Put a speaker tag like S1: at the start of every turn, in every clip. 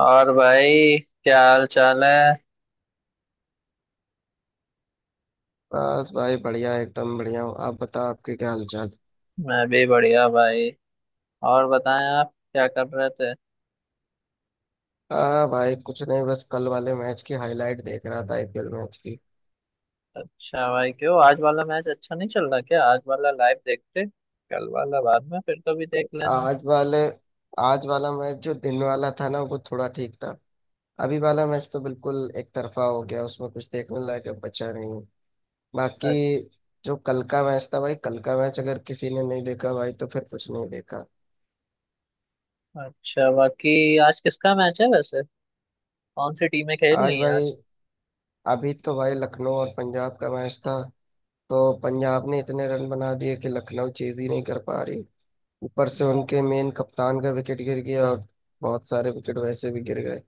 S1: और भाई, क्या हाल चाल है।
S2: बस भाई बढ़िया, एकदम बढ़िया हूँ। आप बताओ, आपके क्या हालचाल।
S1: मैं भी बढ़िया भाई। और बताएं, आप क्या कर रहे थे।
S2: आ भाई, कुछ नहीं, बस कल वाले मैच की हाईलाइट देख रहा था, आईपीएल मैच की।
S1: अच्छा भाई, क्यों आज वाला मैच अच्छा नहीं चल रहा क्या? आज वाला लाइव देखते, कल वाला बाद में फिर कभी देख लेना।
S2: आज वाले आज वाला मैच जो दिन वाला था ना, वो थोड़ा ठीक था। अभी वाला मैच तो बिल्कुल एक तरफा हो गया, उसमें कुछ देखने लायक अब बचा नहीं। बाकी
S1: अ-
S2: जो कल का मैच था भाई, कल का मैच अगर किसी ने नहीं देखा भाई, तो फिर कुछ नहीं देखा।
S1: अच्छा, बाकी आज किसका मैच है वैसे, कौन सी टीमें खेल
S2: आज
S1: रही हैं
S2: भाई,
S1: आज।
S2: अभी तो भाई लखनऊ और पंजाब का मैच था। तो पंजाब ने इतने रन बना दिए कि लखनऊ चीज ही नहीं कर पा रही। ऊपर से उनके मेन कप्तान का विकेट गिर गया, और बहुत सारे विकेट वैसे भी गिर गए।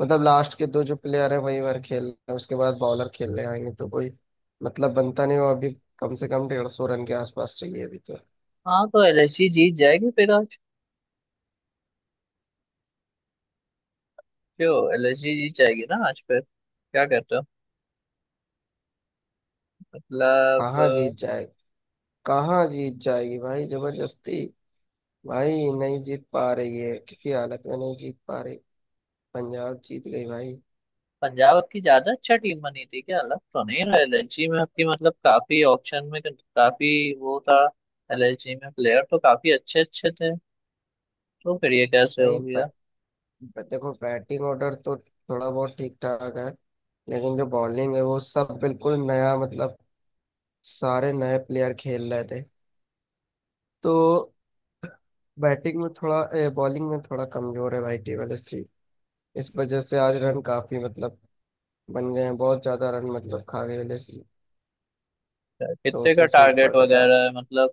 S2: मतलब लास्ट के दो जो प्लेयर हैं वही बार खेल रहे हैं, उसके बाद बॉलर खेलने आएंगे, तो कोई मतलब बनता नहीं वो अभी। कम से कम 150 रन के आसपास चाहिए अभी तो।
S1: हाँ, तो एलएसजी जीत जाएगी फिर आज। क्यों एलएसजी जीत जाएगी ना आज फिर, क्या कहते हो? मतलब
S2: कहाँ जीत जाए, कहाँ जीत जाएगी भाई जबरदस्ती। भाई नहीं जीत पा रही है, किसी हालत में नहीं जीत पा रही। पंजाब जीत गई भाई।
S1: पंजाब आपकी ज्यादा अच्छा टीम बनी थी क्या? लग तो नहीं रहा, एलएलजी में आपकी मतलब काफी ऑप्शन में काफी वो था। एलएलजी में प्लेयर तो काफी अच्छे अच्छे थे, तो फिर ये कैसे हो
S2: भाई
S1: गया?
S2: देखो, बैटिंग ऑर्डर तो थोड़ा बहुत ठीक ठाक है, लेकिन जो बॉलिंग है वो सब बिल्कुल नया, मतलब सारे नए प्लेयर खेल रहे थे। तो बैटिंग में थोड़ा, बॉलिंग में थोड़ा कमजोर है भाई टेबल एससी। इस वजह से आज रन काफी, मतलब बन गए हैं बहुत ज्यादा रन, मतलब खा गए एलएससी।
S1: क्या-
S2: दो
S1: कितने का
S2: सौ से
S1: टारगेट
S2: ऊपर का टार
S1: वगैरह है मतलब,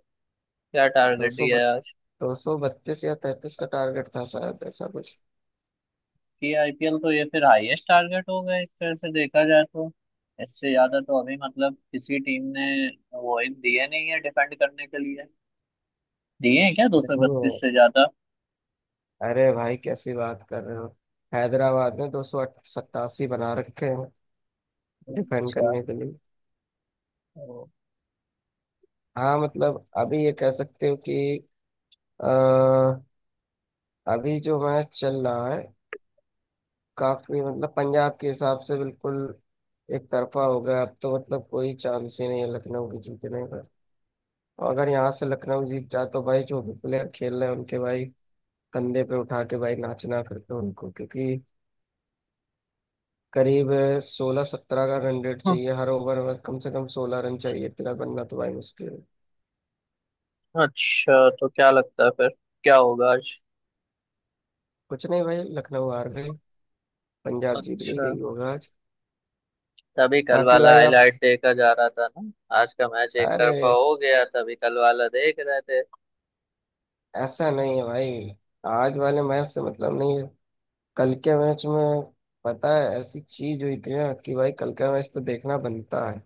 S1: क्या
S2: दो
S1: टारगेट
S2: सौ
S1: दिया
S2: बत,
S1: है आज?
S2: 232 या 233 का टारगेट था शायद, ऐसा कुछ।
S1: की आईपीएल तो ये फिर हाईएस्ट टारगेट हो गया एक तरह से देखा जाए तो। इससे ज्यादा तो अभी मतलब किसी टीम ने वो एक दिए नहीं है डिफेंड करने के लिए, दिए हैं क्या 232
S2: नहीं,
S1: से ज्यादा?
S2: अरे भाई कैसी बात कर रहे हो। हैदराबाद ने 287 बना रखे हैं डिफेंड
S1: अच्छा।
S2: करने के लिए।
S1: ओ।
S2: हाँ, मतलब अभी ये कह सकते हो कि अ, अभी जो मैच चल रहा है, काफी मतलब पंजाब के हिसाब से बिल्कुल एक तरफा हो गया। अब तो मतलब कोई चांस ही नहीं है लखनऊ के जीतने का। और अगर यहाँ से लखनऊ जीत जाए तो भाई जो भी प्लेयर खेल रहे हैं उनके भाई कंधे पे उठा के भाई नाचना फिर तो उनको, क्योंकि करीब सोलह सत्रह का रन रेट चाहिए हर ओवर में, कम से कम 16 रन चाहिए। इतना बनना तो भाई मुश्किल है।
S1: अच्छा, तो क्या लगता है फिर, क्या होगा आज?
S2: कुछ नहीं भाई, लखनऊ हार गई, पंजाब जीत गई,
S1: अच्छा,
S2: यही होगा आज।
S1: तभी कल
S2: बाकी
S1: वाला
S2: भाई आप,
S1: हाईलाइट देखा जा रहा था ना, आज का मैच एक
S2: अरे
S1: तरफा हो गया तभी कल वाला देख रहे थे।
S2: ऐसा नहीं है भाई, आज वाले मैच से मतलब नहीं है। कल के मैच में पता है ऐसी चीज हुई थी ना कि भाई कल का मैच तो देखना बनता है।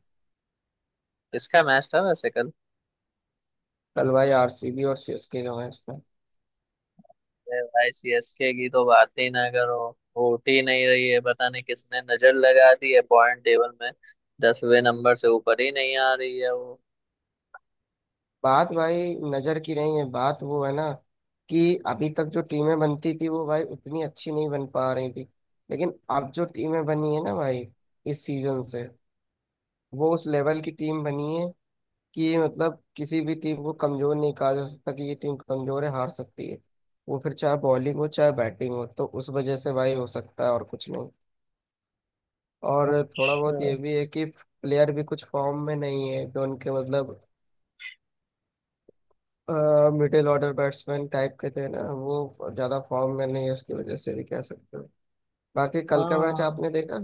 S1: किसका मैच था वैसे कल?
S2: कल भाई आरसीबी और सीएसके का मैच था।
S1: अरे भाई, सीएसके की तो बात ही ना करो, होट ही नहीं रही है, पता नहीं किसने नजर लगा दी है। पॉइंट टेबल में 10वें नंबर से ऊपर ही नहीं आ रही है वो।
S2: बात भाई नजर की नहीं है, बात वो है ना कि अभी तक जो टीमें बनती थी वो भाई उतनी अच्छी नहीं बन पा रही थी, लेकिन अब जो टीमें बनी है ना भाई इस सीजन से, वो उस लेवल की टीम बनी है कि मतलब किसी भी टीम को कमजोर नहीं कहा जा सकता कि ये टीम कमजोर है हार सकती है। वो फिर चाहे बॉलिंग हो चाहे बैटिंग हो, तो उस वजह से भाई हो सकता है, और कुछ नहीं। और थोड़ा
S1: अच्छा।
S2: बहुत ये भी है कि प्लेयर भी कुछ फॉर्म में नहीं है, जो उनके मतलब मिडिल ऑर्डर बैट्समैन टाइप के थे ना वो ज्यादा फॉर्म में नहीं है, उसकी वजह से भी कह सकते हो। बाकी कल का मैच
S1: हाँ,
S2: आपने देखा।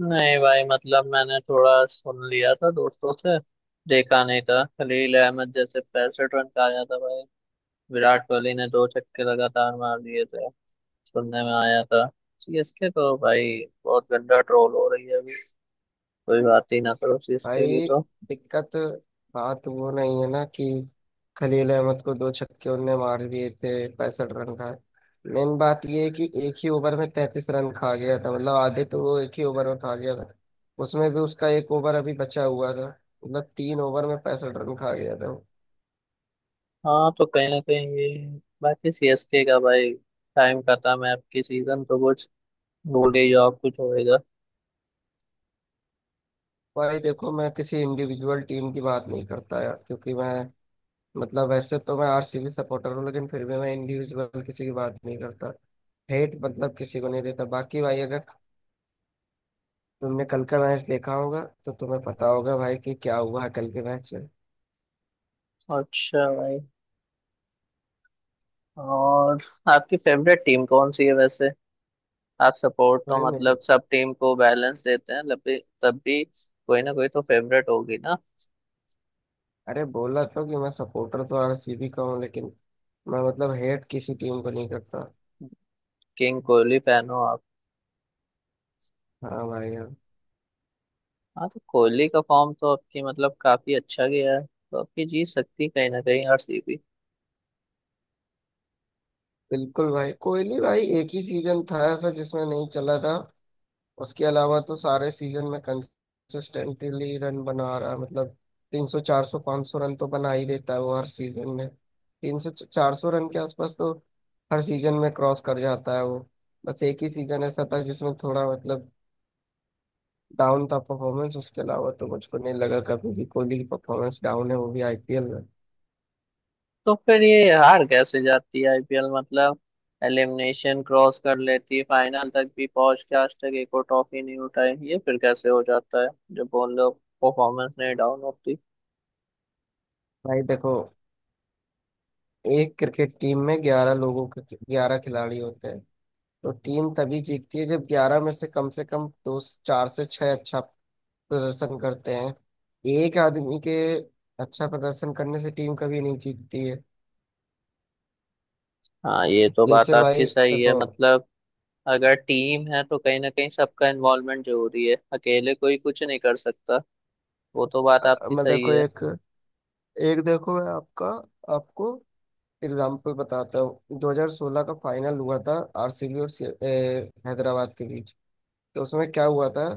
S1: नहीं भाई मतलब मैंने थोड़ा सुन लिया था दोस्तों से, देखा नहीं था। खलील अहमद जैसे 65 रन का आया था भाई, विराट कोहली ने दो छक्के लगातार मार दिए थे, सुनने में आया था। सीएसके तो भाई बहुत गंदा ट्रोल हो रही है अभी, कोई बात ही ना करो सीएसके की
S2: भाई
S1: तो।
S2: दिक्कत, बात वो नहीं है ना कि खलील अहमद को दो छक्के उनने मार दिए थे 65 रन का। मेन बात ये है कि एक ही ओवर में 33 रन खा गया था, मतलब आधे तो वो एक ही ओवर में खा गया था। उसमें भी उसका एक ओवर अभी बचा हुआ था, मतलब 3 ओवर में 65 रन खा गया था वो।
S1: हाँ, तो कहीं ना कहीं ये, बाकी सीएसके का भाई टाइम खत्म है, अब की सीजन तो कुछ भूल ही जाओ कुछ होएगा।
S2: भाई देखो, मैं किसी इंडिविजुअल टीम की बात नहीं करता यार, क्योंकि मैं, मतलब वैसे तो मैं आरसीबी सपोर्टर हूँ, लेकिन फिर भी मैं इंडिविजुअल किसी की बात नहीं करता। हेट मतलब किसी को नहीं देता। बाकी भाई अगर तुमने कल का मैच देखा होगा तो तुम्हें पता होगा भाई कि क्या हुआ है कल के मैच में।
S1: अच्छा भाई, और आपकी फेवरेट टीम कौन सी है वैसे? आप सपोर्ट
S2: भाई
S1: तो मतलब
S2: मेरी
S1: सब टीम को बैलेंस देते हैं, तब भी कोई ना कोई तो फेवरेट होगी ना।
S2: अरे, बोला तो कि मैं सपोर्टर तो आरसीबी का हूँ, लेकिन मैं मतलब हेट किसी टीम को नहीं करता।
S1: किंग कोहली फैन हो आप?
S2: हाँ भाई हाँ।
S1: हाँ, तो कोहली का फॉर्म तो आपकी मतलब काफी अच्छा गया है, तो आपकी जीत सकती है कहीं ना कहीं आरसीबी।
S2: बिल्कुल भाई। कोहली भाई एक ही सीजन था ऐसा जिसमें नहीं चला था, उसके अलावा तो सारे सीजन में कंसिस्टेंटली रन बना रहा है, मतलब 300 400 500 रन तो बना ही देता है वो हर सीजन में। 300 400 रन के आसपास तो हर सीजन में क्रॉस कर जाता है वो। बस एक ही सीजन ऐसा था जिसमें थोड़ा मतलब डाउन था परफॉर्मेंस, उसके अलावा तो मुझको नहीं लगा कभी भी कोहली की परफॉर्मेंस डाउन है, वो भी आईपीएल में।
S1: तो फिर ये हार कैसे जाती है आईपीएल मतलब, एलिमिनेशन क्रॉस कर लेती है, फाइनल तक भी पहुंच के आज तक एक और ट्रॉफी नहीं उठाई, ये फिर कैसे हो जाता है, जब बोल लो परफॉर्मेंस नहीं डाउन होती?
S2: भाई देखो, एक क्रिकेट टीम में 11 लोगों के 11 खिलाड़ी होते हैं, तो टीम तभी जीतती है जब 11 में से कम से कम दो, चार से छह अच्छा प्रदर्शन करते हैं। एक आदमी के अच्छा प्रदर्शन करने से टीम कभी नहीं जीतती है।
S1: हाँ, ये तो बात
S2: जैसे
S1: आपकी
S2: भाई
S1: सही है
S2: देखो,
S1: मतलब, अगर टीम है तो कहीं ना कहीं सबका इन्वॉल्वमेंट जरूरी है, अकेले कोई कुछ नहीं कर सकता, वो तो बात आपकी
S2: मैं
S1: सही
S2: देखो
S1: है।
S2: एक एक देखो, मैं आपका आपको एग्जाम्पल बताता हूँ। 2016 का फाइनल हुआ था आरसीबी और हैदराबाद के बीच। तो उसमें क्या हुआ था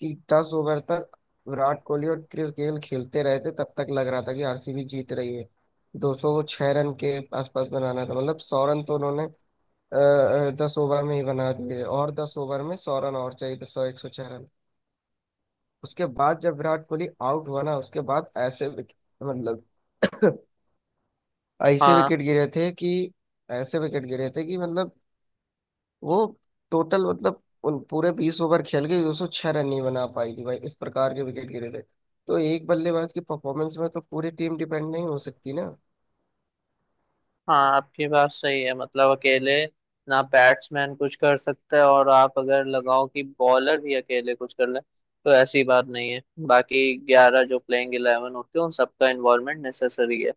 S2: कि 10 ओवर तक विराट कोहली और क्रिस गेल खेलते रहे थे, तब तक लग रहा था कि आरसीबी जीत रही है। 206 रन के आसपास बनाना था, मतलब सौ रन तो उन्होंने 10 ओवर में ही बना दिए, और 10 ओवर में सौ रन और चाहिए थे, सौ 106 रन। उसके बाद जब विराट कोहली आउट हुआ ना, उसके बाद ऐसे विकेट, मतलब ऐसे विकेट
S1: हाँ।
S2: गिरे थे कि ऐसे विकेट गिरे थे कि, वो टोटल मतलब उन पूरे 20 ओवर खेल के 206 रन नहीं बना पाई थी भाई, इस प्रकार के विकेट गिरे थे। तो एक बल्लेबाज की परफॉर्मेंस में तो पूरी टीम डिपेंड नहीं हो सकती ना।
S1: हाँ आपकी बात सही है मतलब अकेले ना बैट्समैन कुछ कर सकता है और आप अगर लगाओ कि बॉलर भी अकेले कुछ कर ले, तो ऐसी बात नहीं है। बाकी 11 जो प्लेइंग इलेवन होते हैं, उन सबका इन्वॉल्वमेंट नेसेसरी है,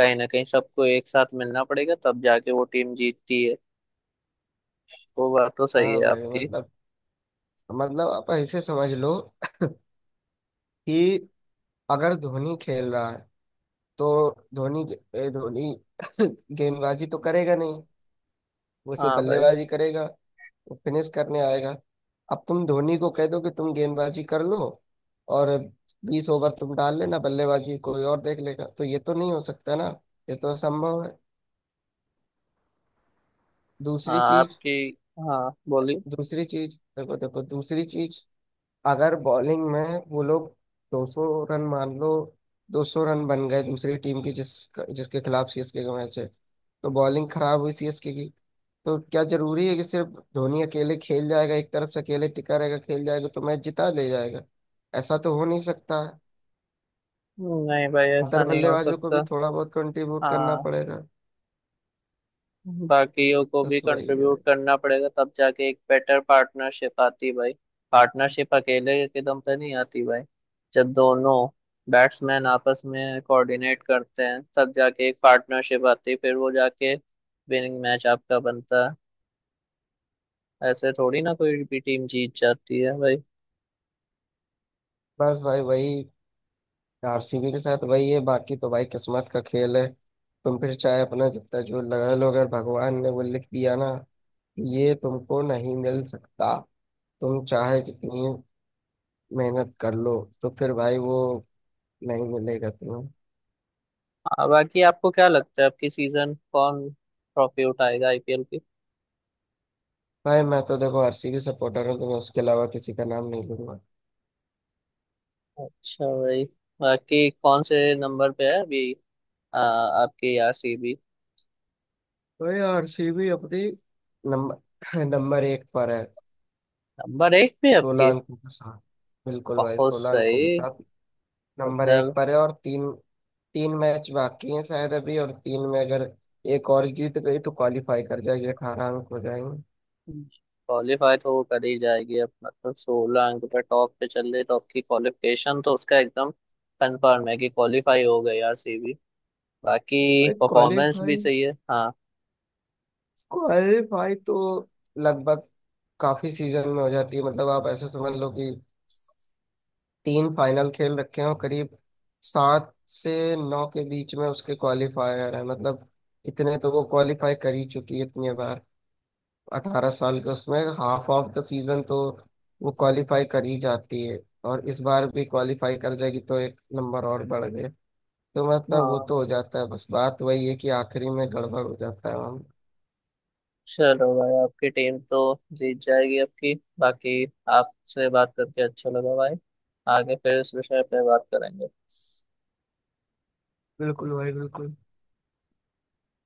S1: कहीं ना कहीं सबको एक साथ मिलना पड़ेगा तब जाके वो टीम जीतती है, वो बात तो सही
S2: हाँ
S1: है
S2: भाई,
S1: आपकी।
S2: मतलब आप ऐसे समझ लो कि अगर धोनी खेल रहा है तो धोनी, धोनी गेंदबाजी तो करेगा नहीं, वो सिर्फ
S1: हाँ भाई
S2: बल्लेबाजी करेगा, वो फिनिश करने आएगा। अब तुम धोनी को कह दो कि तुम गेंदबाजी कर लो, और 20 ओवर तुम डाल लेना, बल्लेबाजी कोई और देख लेगा, तो ये तो नहीं हो सकता ना, ये तो असंभव है। दूसरी
S1: हाँ।
S2: चीज,
S1: आपकी हाँ। बोलिए।
S2: दूसरी चीज देखो देखो दूसरी चीज, अगर बॉलिंग में वो लोग 200 रन मान लो, 200 रन बन गए दूसरी टीम की, जिसके खिलाफ सीएसके का मैच है, तो बॉलिंग खराब हुई सीएसके की, तो क्या जरूरी है कि सिर्फ धोनी अकेले खेल जाएगा, एक तरफ से अकेले टिका रहेगा, खेल जाएगा तो मैच जिता ले जाएगा। ऐसा तो हो नहीं सकता है।
S1: नहीं भाई, ऐसा
S2: अदर
S1: नहीं हो
S2: बल्लेबाजों को
S1: सकता।
S2: भी थोड़ा बहुत कंट्रीब्यूट करना
S1: हाँ,
S2: पड़ेगा।
S1: बाकियों को भी
S2: बस वही है।
S1: कंट्रीब्यूट करना पड़ेगा तब जाके एक बेटर पार्टनरशिप आती है भाई, पार्टनरशिप अकेले के दम पे नहीं आती भाई। जब दोनों बैट्समैन आपस में कोऑर्डिनेट करते हैं तब जाके एक पार्टनरशिप आती है, फिर वो जाके विनिंग मैच आपका बनता है, ऐसे थोड़ी ना कोई भी टीम जीत जाती है भाई।
S2: बस भाई वही, आरसीबी के साथ वही है, बाकी तो भाई किस्मत का खेल है। तुम फिर चाहे अपना जितना जो लगा लो, अगर भगवान ने वो लिख दिया ना, ये तुमको नहीं मिल सकता, तुम चाहे जितनी मेहनत कर लो, तो फिर भाई वो नहीं मिलेगा तुम्हें।
S1: हाँ, बाकी आपको क्या लगता है आपकी सीजन कौन ट्रॉफी उठाएगा आईपीएल की?
S2: भाई मैं तो देखो आरसीबी सपोर्टर हूँ तो मैं उसके अलावा किसी का नाम नहीं लूंगा।
S1: अच्छा भाई, बाकी कौन से नंबर पे है अभी? आ, आपके आरसीबी।
S2: भाई आरसीबी अपनी नंबर नंबर एक पर है,
S1: नंबर एक पे
S2: सोलह
S1: आपके?
S2: अंकों के साथ। बिल्कुल भाई,
S1: बहुत
S2: 16 अंकों के
S1: सही।
S2: साथ नंबर एक
S1: मतलब
S2: पर है। और तीन, तीन मैच बाकी हैं शायद अभी, और तीन में अगर एक और जीत गई तो क्वालिफाई कर जाएगी, 18 अंक हो जाएंगे।
S1: क्वालिफाई तो वो कर ही जाएगी अब, मतलब 16 अंक पे टॉप पे चल रही तो आपकी क्वालिफिकेशन तो उसका एकदम कंफर्म है कि क्वालिफाई हो गई आरसीबी, बाकी
S2: और
S1: परफॉर्मेंस भी
S2: क्वालिफाई,
S1: सही है। हाँ।
S2: क्वालिफाई तो लगभग काफी सीजन में हो जाती है, मतलब आप ऐसे समझ लो कि तीन फाइनल खेल रखे हो, करीब 7 से 9 के बीच में उसके क्वालिफायर है, मतलब इतने तो वो क्वालिफाई कर ही चुकी है इतनी बार। 18 साल के उसमें हाफ ऑफ द सीजन तो वो क्वालिफाई कर ही जाती है, और इस बार भी क्वालिफाई कर जाएगी, तो एक नंबर और बढ़ गए। तो मतलब वो
S1: हाँ,
S2: तो हो जाता है, बस बात वही है कि आखिरी में गड़बड़ हो जाता है हम।
S1: चलो भाई आपकी टीम तो जीत जाएगी आपकी। बाकी आपसे बात करके अच्छा लगा भाई, आगे फिर इस विषय पे बात करेंगे।
S2: बिल्कुल भाई बिल्कुल।